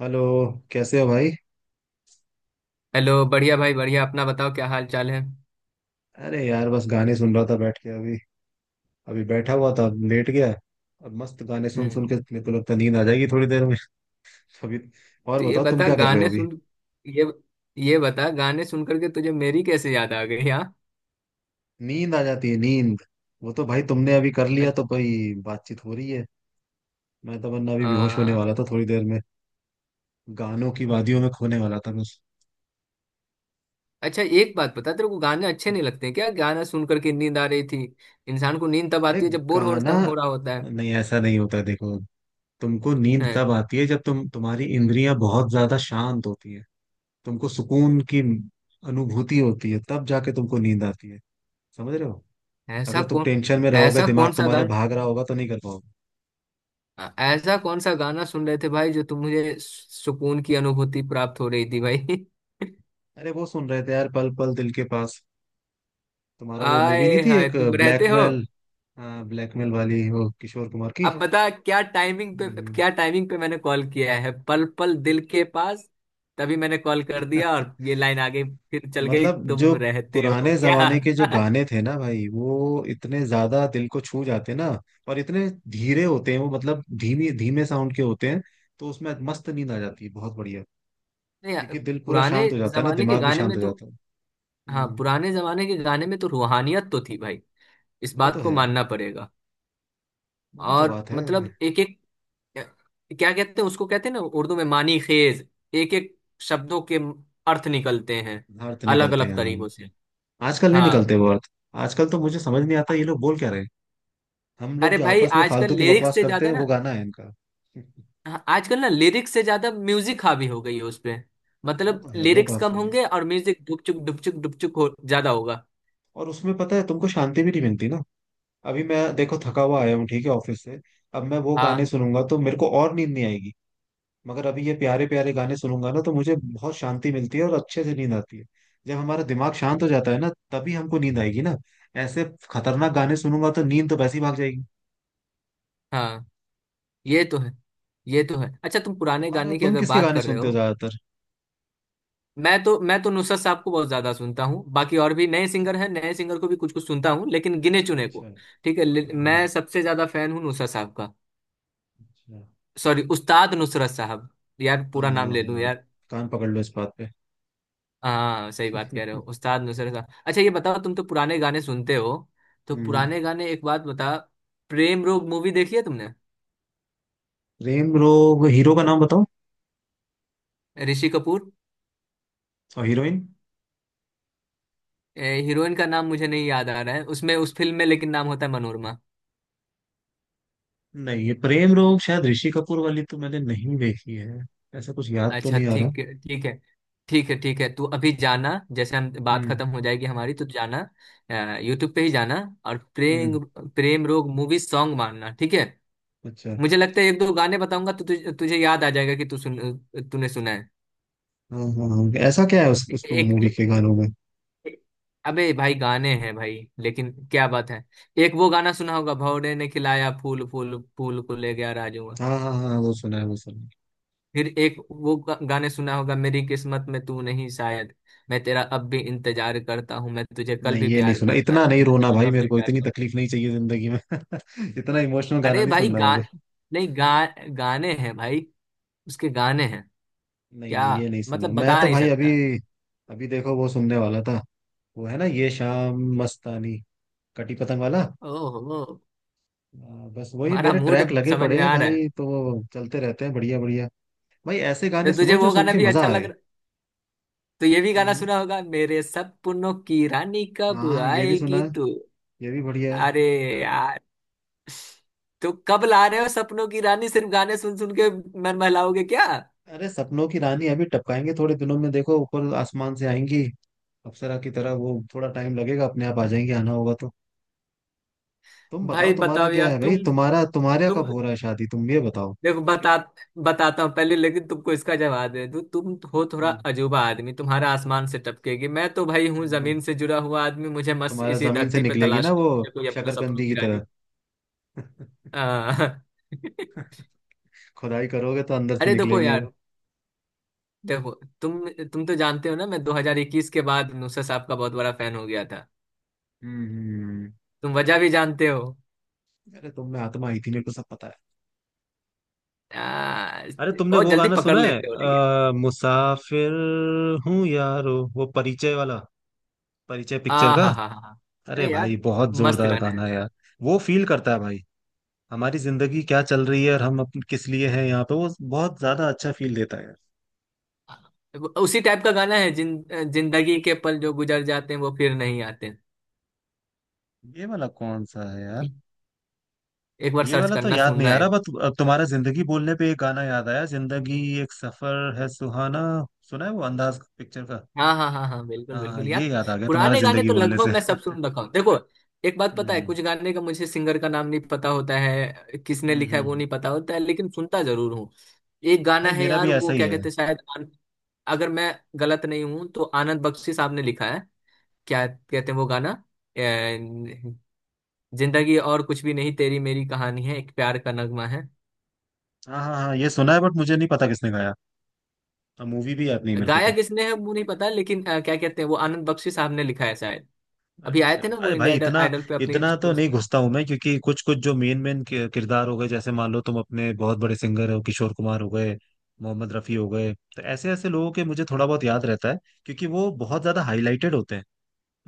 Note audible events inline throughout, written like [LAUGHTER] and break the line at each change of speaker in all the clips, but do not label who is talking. Hello. कैसे हो भाई?
हेलो। बढ़िया भाई बढ़िया। अपना बताओ, क्या हाल चाल है।
अरे यार, बस गाने सुन रहा था बैठ के। अभी अभी बैठा हुआ था, लेट गया। अब मस्त गाने सुन
हम्म।
सुन के मेरे को लगता है नींद आ जाएगी थोड़ी देर में। [LAUGHS] अभी। और
तो ये
बताओ, तुम
बता
क्या कर रहे हो
गाने
अभी?
सुन ये ये बता गाने सुन करके तुझे मेरी कैसे याद आ गई? हाँ।
नींद आ जाती है, नींद। वो तो भाई तुमने अभी कर लिया तो
अच-
भाई बातचीत हो रही है। मैं तो वरना अभी बेहोश होने
आ,
वाला था थोड़ी देर में। गानों की वादियों में खोने वाला था बस।
अच्छा, एक बात बता, तेरे को गाने अच्छे नहीं लगते क्या? गाना सुन करके नींद आ रही थी? इंसान को नींद तब
अरे,
आती है जब बोर हो
गाना
रहा हो रहा होता है।
नहीं, ऐसा नहीं होता, देखो। तुमको नींद
हैं?
तब आती है जब तुम्हारी इंद्रियां बहुत ज्यादा शांत होती है। तुमको सुकून की अनुभूति होती है तब जाके तुमको नींद आती है। समझ रहे हो?
ऐसा
अगर तुम
कौन
टेंशन में रहोगे,
ऐसा
दिमाग
कौन सा
तुम्हारा
गाना
भाग रहा होगा तो नहीं कर पाओगे।
ऐसा कौन सा गाना सुन रहे थे भाई, जो तुम मुझे सुकून की अनुभूति प्राप्त हो रही थी भाई? [LAUGHS]
अरे वो सुन रहे थे यार, पल पल दिल के पास। तुम्हारा वो मूवी नहीं
आए
थी
हाय,
एक,
तुम रहते हो।
ब्लैकमेल। हाँ, ब्लैकमेल वाली, वो किशोर कुमार की।
अब बता, क्या टाइमिंग पे
हम्म।
क्या टाइमिंग पे मैंने कॉल किया है, पल पल दिल के पास। तभी मैंने कॉल कर दिया और
[LAUGHS]
ये लाइन आ गई। फिर चल गई,
मतलब जो
तुम रहते हो
पुराने
क्या?
जमाने के जो
[LAUGHS]
गाने थे ना भाई, वो इतने ज्यादा दिल को छू जाते ना। और इतने धीरे होते हैं वो, मतलब धीमी धीमे साउंड के होते हैं। तो उसमें मस्त नींद आ जाती है, बहुत बढ़िया।
नहीं यार।
क्योंकि दिल पूरा
पुराने
शांत हो जाता है ना,
जमाने के
दिमाग भी
गाने
शांत
में
हो
तो
जाता है।
हाँ,
हम्म।
पुराने जमाने के गाने में तो रूहानियत तो थी भाई। इस
वो
बात
तो
को
है।
मानना पड़ेगा।
वही तो
और
बात है।
मतलब, एक एक, क्या कहते हैं उसको, कहते हैं ना, उर्दू में मानी खेज। एक एक शब्दों के अर्थ निकलते हैं,
अर्थ
अलग
निकलते हैं,
अलग
हम।
तरीकों से।
आजकल नहीं निकलते
हाँ।
वो अर्थ। आजकल तो मुझे समझ नहीं आता ये लोग बोल क्या रहे हैं। हम लोग
अरे
जो
भाई,
आपस में
आजकल
फालतू की
लिरिक्स
बकवास
से
करते
ज्यादा
हैं
ना
वो गाना है इनका। [LAUGHS]
हाँ, आजकल ना, लिरिक्स से ज्यादा म्यूजिक हावी हो गई है उसपे।
वो
मतलब
तो है, वो
लिरिक्स
बात
कम
सही है।
होंगे और म्यूजिक डुपचुक डुपचुक डुपचुक हो ज्यादा होगा।
और उसमें पता है तुमको शांति भी नहीं मिलती ना। अभी मैं देखो थका हुआ आया हूँ, ठीक है, ऑफिस से। अब मैं वो
हाँ,
गाने सुनूंगा तो मेरे को और नींद नहीं आएगी। मगर अभी ये प्यारे प्यारे गाने सुनूंगा ना, तो मुझे बहुत शांति मिलती है और अच्छे से नींद आती है। जब हमारा दिमाग शांत हो जाता है ना, तभी हमको नींद आएगी ना। ऐसे खतरनाक गाने सुनूंगा तो नींद तो वैसे ही भाग जाएगी।
हाँ। ये तो है। ये तो है। अच्छा, तुम पुराने
तुम्हारा
गाने की
तुम
अगर
किसके
बात
गाने
कर रहे
सुनते हो
हो,
ज्यादातर?
मैं तो नुसरत साहब को बहुत ज्यादा सुनता हूँ। बाकी और भी नए सिंगर हैं, नए सिंगर को भी कुछ कुछ सुनता हूँ लेकिन गिने चुने
अच्छा।
को। ठीक है,
हाँ
मैं
हाँ।
सबसे ज्यादा फैन हूँ नुसरत साहब का।
अच्छा।
सॉरी, उस्ताद नुसरत साहब। यार
हाँ
पूरा
हाँ
नाम ले लूँ
हाँ।
यार।
कान पकड़ लो इस बात पे।
हाँ, सही बात कह रहे हो,
[LAUGHS]
उस्ताद नुसरत साहब। अच्छा, ये बताओ, तुम तो पुराने गाने सुनते हो। तो
हम्म।
पुराने गाने, एक बात बता, प्रेम रोग मूवी देखी है तुमने?
प्रेम रोग? हीरो का नाम बताओ।
ऋषि कपूर।
और हीरोइन?
हीरोइन का नाम मुझे नहीं याद आ रहा है उसमें, उस फिल्म में, लेकिन नाम होता है मनोरमा।
नहीं, ये प्रेम रोग शायद ऋषि कपूर वाली तो मैंने नहीं देखी है। ऐसा कुछ याद तो
अच्छा,
नहीं आ रहा।
ठीक है, ठीक है। ठीक है, ठीक है, तू अभी जाना, जैसे हम बात
हम्म
खत्म हो जाएगी हमारी, तो जाना यूट्यूब पे ही जाना। और प्रेम
हम्म।
प्रेम रोग मूवी सॉन्ग मारना, ठीक है।
अच्छा।
मुझे लगता है एक दो गाने बताऊंगा तो तुझे याद आ जाएगा कि तू सुन तूने सुना है।
हाँ हाँ हाँ, ऐसा क्या है उस
एक।
मूवी के गानों में?
अबे भाई, गाने हैं भाई, लेकिन क्या बात है। एक वो गाना सुना होगा, भौरे ने खिलाया फूल, फूल फूल को ले गया राजू।
हाँ हाँ हाँ, वो सुना है, वो सुना है।
फिर एक वो गाने सुना होगा, मेरी किस्मत में तू नहीं शायद। मैं तेरा अब भी इंतजार करता हूँ, मैं तुझे कल भी
नहीं, ये नहीं
प्यार
सुना।
करता
इतना
था,
नहीं
मैं
रोना
तुझे
भाई,
अब
मेरे
भी
को
प्यार
इतनी
करता
तकलीफ नहीं चाहिए जिंदगी में। [LAUGHS] इतना इमोशनल
हूं।
गाना
अरे
नहीं
भाई,
सुनना
गा
मुझे।
नहीं, गा गाने हैं भाई। उसके गाने हैं।
नहीं
क्या,
नहीं, ये नहीं सुना
मतलब
मैं
बता
तो
नहीं
भाई। अभी
सकता।
अभी देखो वो सुनने वाला था। वो है ना ये शाम मस्तानी, कटी पतंग वाला।
ओहो।
बस वही
तुम्हारा
मेरे
मूड
ट्रैक लगे
समझ
पड़े
में
हैं
आ रहा है।
भाई, तो वो चलते रहते हैं, बढ़िया बढ़िया। भाई ऐसे
तो
गाने
तुझे
सुनो जो
वो
सुन
गाना
के
भी
मजा
अच्छा लग।
आए।
तो ये भी गाना
हम्म।
सुना होगा, मेरे सपनों की रानी कब
हाँ, ये भी सुना
आएगी
है,
तू।
ये भी बढ़िया है।
अरे यार, तो कब ला रहे हो सपनों की रानी? सिर्फ गाने सुन सुन के मन बहलाओगे क्या?
अरे, सपनों की रानी अभी टपकाएंगे थोड़े दिनों में, देखो ऊपर आसमान से आएंगी। अप्सरा की तरह, वो थोड़ा टाइम लगेगा, अपने आप आ जाएंगी, आना होगा तो। तुम बताओ
भाई
तुम्हारा
बताओ
क्या
यार,
है भाई,
तुम
तुम्हारा तुम्हारे यहाँ
तुम
कब हो रहा है शादी? तुम ये बताओ।
देखो, बताता हूँ पहले, लेकिन तुमको इसका जवाब दे दूँ। तुम हो थोड़ा
हम्म।
अजूबा आदमी, तुम्हारा आसमान से टपकेगी, मैं तो भाई हूँ
हाँ,
जमीन से जुड़ा हुआ आदमी, मुझे मस्त
तुम्हारा
इसी
जमीन से
धरती पे
निकलेगी ना
तलाश
वो,
है कोई अपना सपनों
शकरकंदी की
की
तरह।
रानी। आ, [LAUGHS]
[LAUGHS] खुदाई करोगे तो अंदर से
अरे देखो
निकलेगी वो।
यार, देखो, तुम तो जानते हो ना, मैं 2021 के बाद नुसरत साहब का बहुत बड़ा फैन हो गया था।
हम्म हम्म, हम्म।
तुम वजह भी जानते हो।
अरे, तुम में आत्मा आई थी, मेरे को सब पता है।
आ,
अरे तुमने
बहुत
वो
जल्दी
गाना
पकड़
सुना है?
लेते हो लेकिन।
मुसाफिर हूँ यारो, वो परिचय वाला, परिचय
आ
पिक्चर का।
हा हा हा हा।
अरे
अरे यार,
भाई बहुत
मस्त
जोरदार
गाना
गाना
है।
है यार। वो फील करता है भाई, हमारी जिंदगी क्या चल रही है और हम अपन किस लिए हैं यहाँ पे, वो बहुत ज्यादा अच्छा फील देता है यार।
उसी टाइप का गाना है, जिन जिंदगी के पल जो गुजर जाते हैं वो फिर नहीं आते।
ये वाला कौन सा है यार?
एक बार
ये
सर्च
वाला तो
करना,
याद नहीं
सुनना
आ रहा,
है।
बट अब तुम्हारा जिंदगी बोलने पे एक गाना याद आया, जिंदगी एक सफर है सुहाना। सुना है, वो अंदाज पिक्चर का।
हाँ, हाँ, हाँ, हाँ, बिल्कुल,
हाँ
बिल्कुल
ये
यार।
याद आ गया तुम्हारा
पुराने गाने
जिंदगी
तो
बोलने
लगभग
से।
मैं सब
[LAUGHS]
सुन रखा हूँ देखो। एक बात पता है,
हम्म
कुछ गाने का मुझे सिंगर का नाम नहीं पता होता है, किसने
हम्म
लिखा है
हम्म,
वो
हम्म।
नहीं पता होता है, लेकिन सुनता जरूर। एक गाना
भाई
है
मेरा
यार,
भी ऐसा
वो
ही
क्या
है।
कहते हैं शायद, अगर मैं गलत नहीं हूं तो आनंद बख्शी साहब ने लिखा है। क्या कहते हैं वो गाना? अ, जिंदगी और कुछ भी नहीं, तेरी मेरी कहानी है, एक प्यार का नगमा है।
हाँ हाँ हाँ ये सुना है, बट मुझे नहीं पता किसने गाया। अब मूवी भी याद नहीं मेरे को
गाया
तो।
किसने है वो नहीं पता, लेकिन क्या कहते हैं वो, आनंद बख्शी साहब ने लिखा है शायद। अभी आए
अच्छा।
थे ना वो
अरे
इंडिया
भाई
आइडल,
इतना,
आइडल पे अपनी
इतना तो नहीं
स्टोरी।
घुसता हूं मैं, क्योंकि कुछ कुछ जो मेन मेन किरदार हो गए, जैसे मान लो तुम अपने बहुत बड़े सिंगर हो, किशोर कुमार हो गए, मोहम्मद रफी हो गए, तो ऐसे ऐसे लोगों के मुझे थोड़ा बहुत याद रहता है। क्योंकि वो बहुत ज्यादा हाईलाइटेड होते हैं।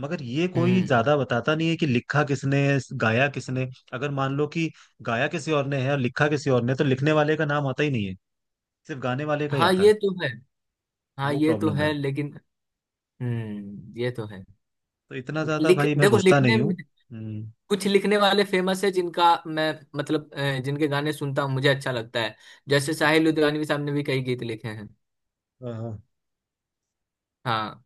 मगर ये कोई
हम्म।
ज्यादा बताता नहीं है कि लिखा किसने, गाया किसने। अगर मान लो कि गाया किसी और ने है और लिखा किसी और ने, तो लिखने वाले का नाम आता ही नहीं है, सिर्फ गाने वाले का ही
हाँ,
आता है।
ये तो है। हाँ,
वो
ये तो
प्रॉब्लम
है,
है।
लेकिन। हम्म, ये तो है।
तो इतना ज्यादा
लिख
भाई मैं
देखो,
घुसता
लिखने
नहीं हूँ। हम्म।
कुछ लिखने वाले फेमस है, जिनका मैं, मतलब जिनके गाने सुनता हूँ मुझे अच्छा लगता है। जैसे साहिल
अच्छा।
लुधियानवी साहब ने भी कई गीत लिखे हैं।
हाँ हाँ।
हाँ,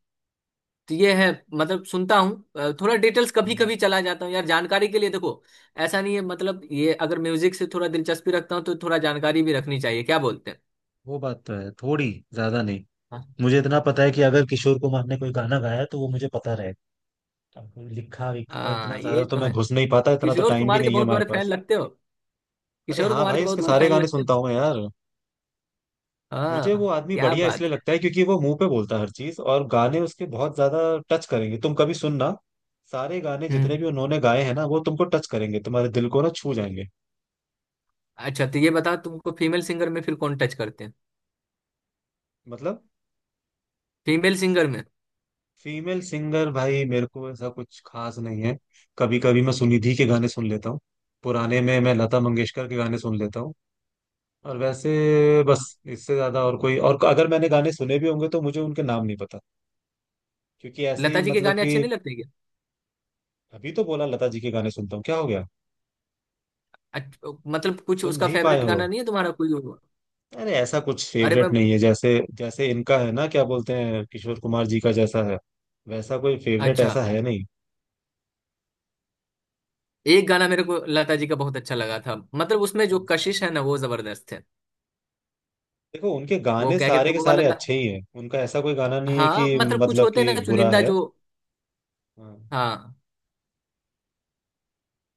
तो ये है। मतलब सुनता हूँ, थोड़ा डिटेल्स कभी कभी चला जाता हूँ यार जानकारी के लिए, देखो। ऐसा नहीं है, मतलब ये, अगर म्यूजिक से थोड़ा दिलचस्पी रखता हूँ तो थोड़ा जानकारी भी रखनी चाहिए, क्या बोलते हैं।
वो बात तो है, थोड़ी ज्यादा नहीं।
हाँ,
मुझे इतना पता है कि अगर किशोर कुमार ने कोई गाना गाया तो वो मुझे पता रहेगा। कोई लिखा विखा इतना
हाँ,
ज्यादा
ये
तो
तो
मैं
है।
घुस नहीं पाता, इतना तो
किशोर
टाइम भी
कुमार के
नहीं है
बहुत
हमारे
बड़े फैन
पास।
लगते हो।
अरे
किशोर
हाँ
कुमार के
भाई, उसके
बहुत बड़े
सारे
फैन
गाने
लगते हो।
सुनता हूँ मैं यार। मुझे वो
हाँ,
आदमी
क्या
बढ़िया इसलिए
बात है।
लगता है क्योंकि वो मुंह पे बोलता है हर चीज, और गाने उसके बहुत ज्यादा टच करेंगे, तुम कभी सुनना। सारे गाने जितने
हम्म।
भी उन्होंने गाए हैं ना, वो तुमको टच करेंगे, तुम्हारे दिल को ना छू जाएंगे।
अच्छा, तो ये बताओ, तुमको फीमेल सिंगर में फिर कौन टच करते हैं?
मतलब,
फीमेल सिंगर में?
फीमेल सिंगर भाई मेरे को ऐसा कुछ खास नहीं है। कभी कभी मैं सुनिधि के गाने सुन लेता हूँ। पुराने में मैं लता मंगेशकर के गाने सुन लेता हूँ। और वैसे बस। इससे ज्यादा और कोई, और अगर मैंने गाने सुने भी होंगे तो मुझे उनके नाम नहीं पता। क्योंकि ऐसे
लता
ही,
जी के
मतलब
गाने
कि,
अच्छे नहीं लगते क्या?
अभी तो बोला लता जी के गाने सुनता हूँ, क्या हो गया?
मतलब, कुछ
सुन
उसका
नहीं पाए
फेवरेट गाना
हो?
नहीं है तुम्हारा, कोई और?
अरे ऐसा कुछ
अरे मैं,
फेवरेट नहीं है, जैसे जैसे इनका है ना, क्या बोलते हैं, किशोर कुमार जी का जैसा है, वैसा कोई फेवरेट
अच्छा,
ऐसा है नहीं।
एक गाना मेरे को लता जी का बहुत अच्छा लगा था, मतलब उसमें जो
कौन सा?
कशिश है ना वो जबरदस्त है।
देखो उनके
वो
गाने
क्या कहते
सारे
हैं,
के
वो वाला
सारे अच्छे ही हैं, उनका ऐसा कोई गाना नहीं है
हाँ,
कि
मतलब कुछ
मतलब
होते हैं ना
कि बुरा
चुनिंदा
है।
जो।
हाँ।
हाँ,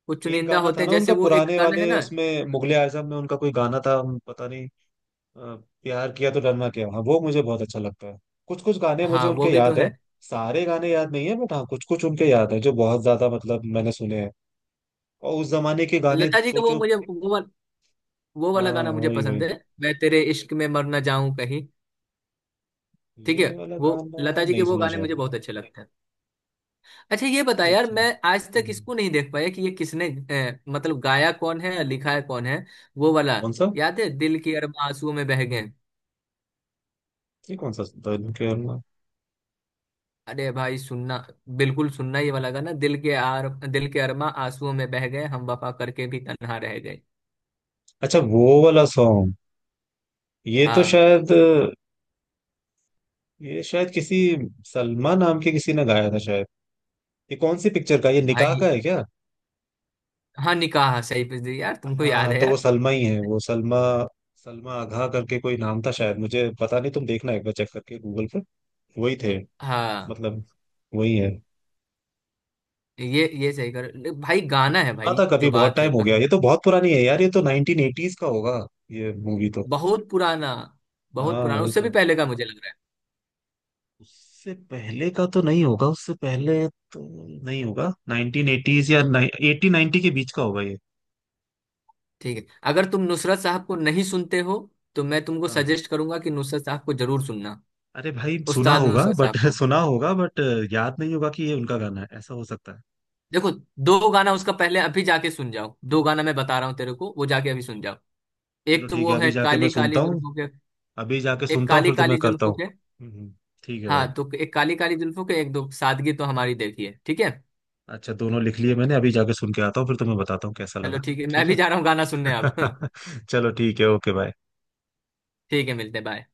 कुछ
एक
चुनिंदा
गाना था
होते हैं,
ना
जैसे
उनका
वो एक
पुराने
गाना है
वाले,
ना।
उसमें मुगले आजम में उनका कोई गाना था, हम पता नहीं, अ, प्यार किया तो डरना क्या, हाँ वो मुझे बहुत अच्छा लगता है। कुछ कुछ गाने मुझे
हाँ, वो
उनके
भी तो
याद है।
है।
सारे गाने याद नहीं है, बट हाँ कुछ कुछ उनके याद है जो बहुत ज्यादा मतलब मैंने सुने हैं। और उस जमाने के गाने,
लता जी का
सोचो।
वो वाला वो
हाँ
वाला गाना मुझे
वही
पसंद
वही।
है। मैं तेरे इश्क में मर ना जाऊं कहीं। ठीक है।
ये वाला
वो
गाना
लता जी के
नहीं
वो
सुना
गाने
शायद
मुझे
मैंने।
बहुत अच्छे लगते हैं। अच्छा, ये बता यार,
अच्छा।
मैं आज तक
हम्म।
इसको नहीं देख पाया कि ये किसने, मतलब गाया कौन है, लिखा है कौन है, वो वाला।
कौन सा?
याद है, दिल के अरमां आंसुओं में बह गए?
ये कौन सा था?
अरे भाई, सुनना, बिल्कुल सुनना ये वाला गाना, दिल के अरमां आंसुओं में बह गए, हम वफा करके भी तन्हा रह गए।
अच्छा वो वाला सॉन्ग। ये तो
हाँ
शायद, ये शायद किसी सलमा नाम के किसी ने गाया था शायद। ये कौन सी पिक्चर का, ये निकाह
भाई।
का है क्या?
हाँ, निकाह, सही पे जी यार, तुमको याद
हाँ
है
तो वो
यार।
सलमा ही है, वो सलमा। सलमा आघा करके कोई नाम था शायद, मुझे पता नहीं, तुम देखना एक बार चेक करके गूगल पर। वही थे।
हाँ,
मतलब वही है।
ये सही कर ले, भाई गाना
मैंने
है
सुना
भाई,
था कभी,
जो
बहुत
बात है
टाइम हो गया,
कसम।
ये तो बहुत पुरानी है यार, ये तो 1980s का होगा ये मूवी तो।
बहुत पुराना। बहुत
हाँ
पुराना,
वही
उससे भी
तो।
पहले का मुझे लग रहा है।
उससे पहले का तो नहीं होगा, उससे पहले तो नहीं होगा, 1980s या 80-90 के बीच का होगा ये।
ठीक है। अगर तुम नुसरत साहब को नहीं सुनते हो तो मैं तुमको
हाँ।
सजेस्ट करूंगा कि नुसरत साहब को जरूर सुनना।
अरे भाई सुना
उस्ताद
होगा
नुसरत
बट
साहब
[LAUGHS]
को।
सुना होगा बट याद नहीं होगा कि ये उनका गाना है, ऐसा हो सकता है।
देखो, दो गाना उसका पहले अभी जाके सुन जाओ, दो गाना मैं बता रहा हूँ तेरे को, वो जाके अभी सुन जाओ।
चलो
एक तो
ठीक
वो
है,
है,
अभी जाके मैं
काली
सुनता
काली
हूँ।
जुल्फों के।
अभी जाके
एक,
सुनता हूँ
काली
फिर तो मैं
काली
करता
जुल्फों
हूँ।
के।
हम्म, हम्म, ठीक है भाई।
हाँ, तो एक काली काली जुल्फों के, एक दो सादगी तो हमारी देखी है, ठीक है।
अच्छा दोनों लिख लिए मैंने, अभी जाके सुन के आता हूँ फिर तुम्हें बताता हूँ कैसा
चलो
लगा।
ठीक है, मैं
ठीक
भी
है।
जा रहा हूँ गाना सुनने अब। [LAUGHS]
[LAUGHS] चलो ठीक है, ओके भाई।
ठीक है, मिलते हैं, बाय।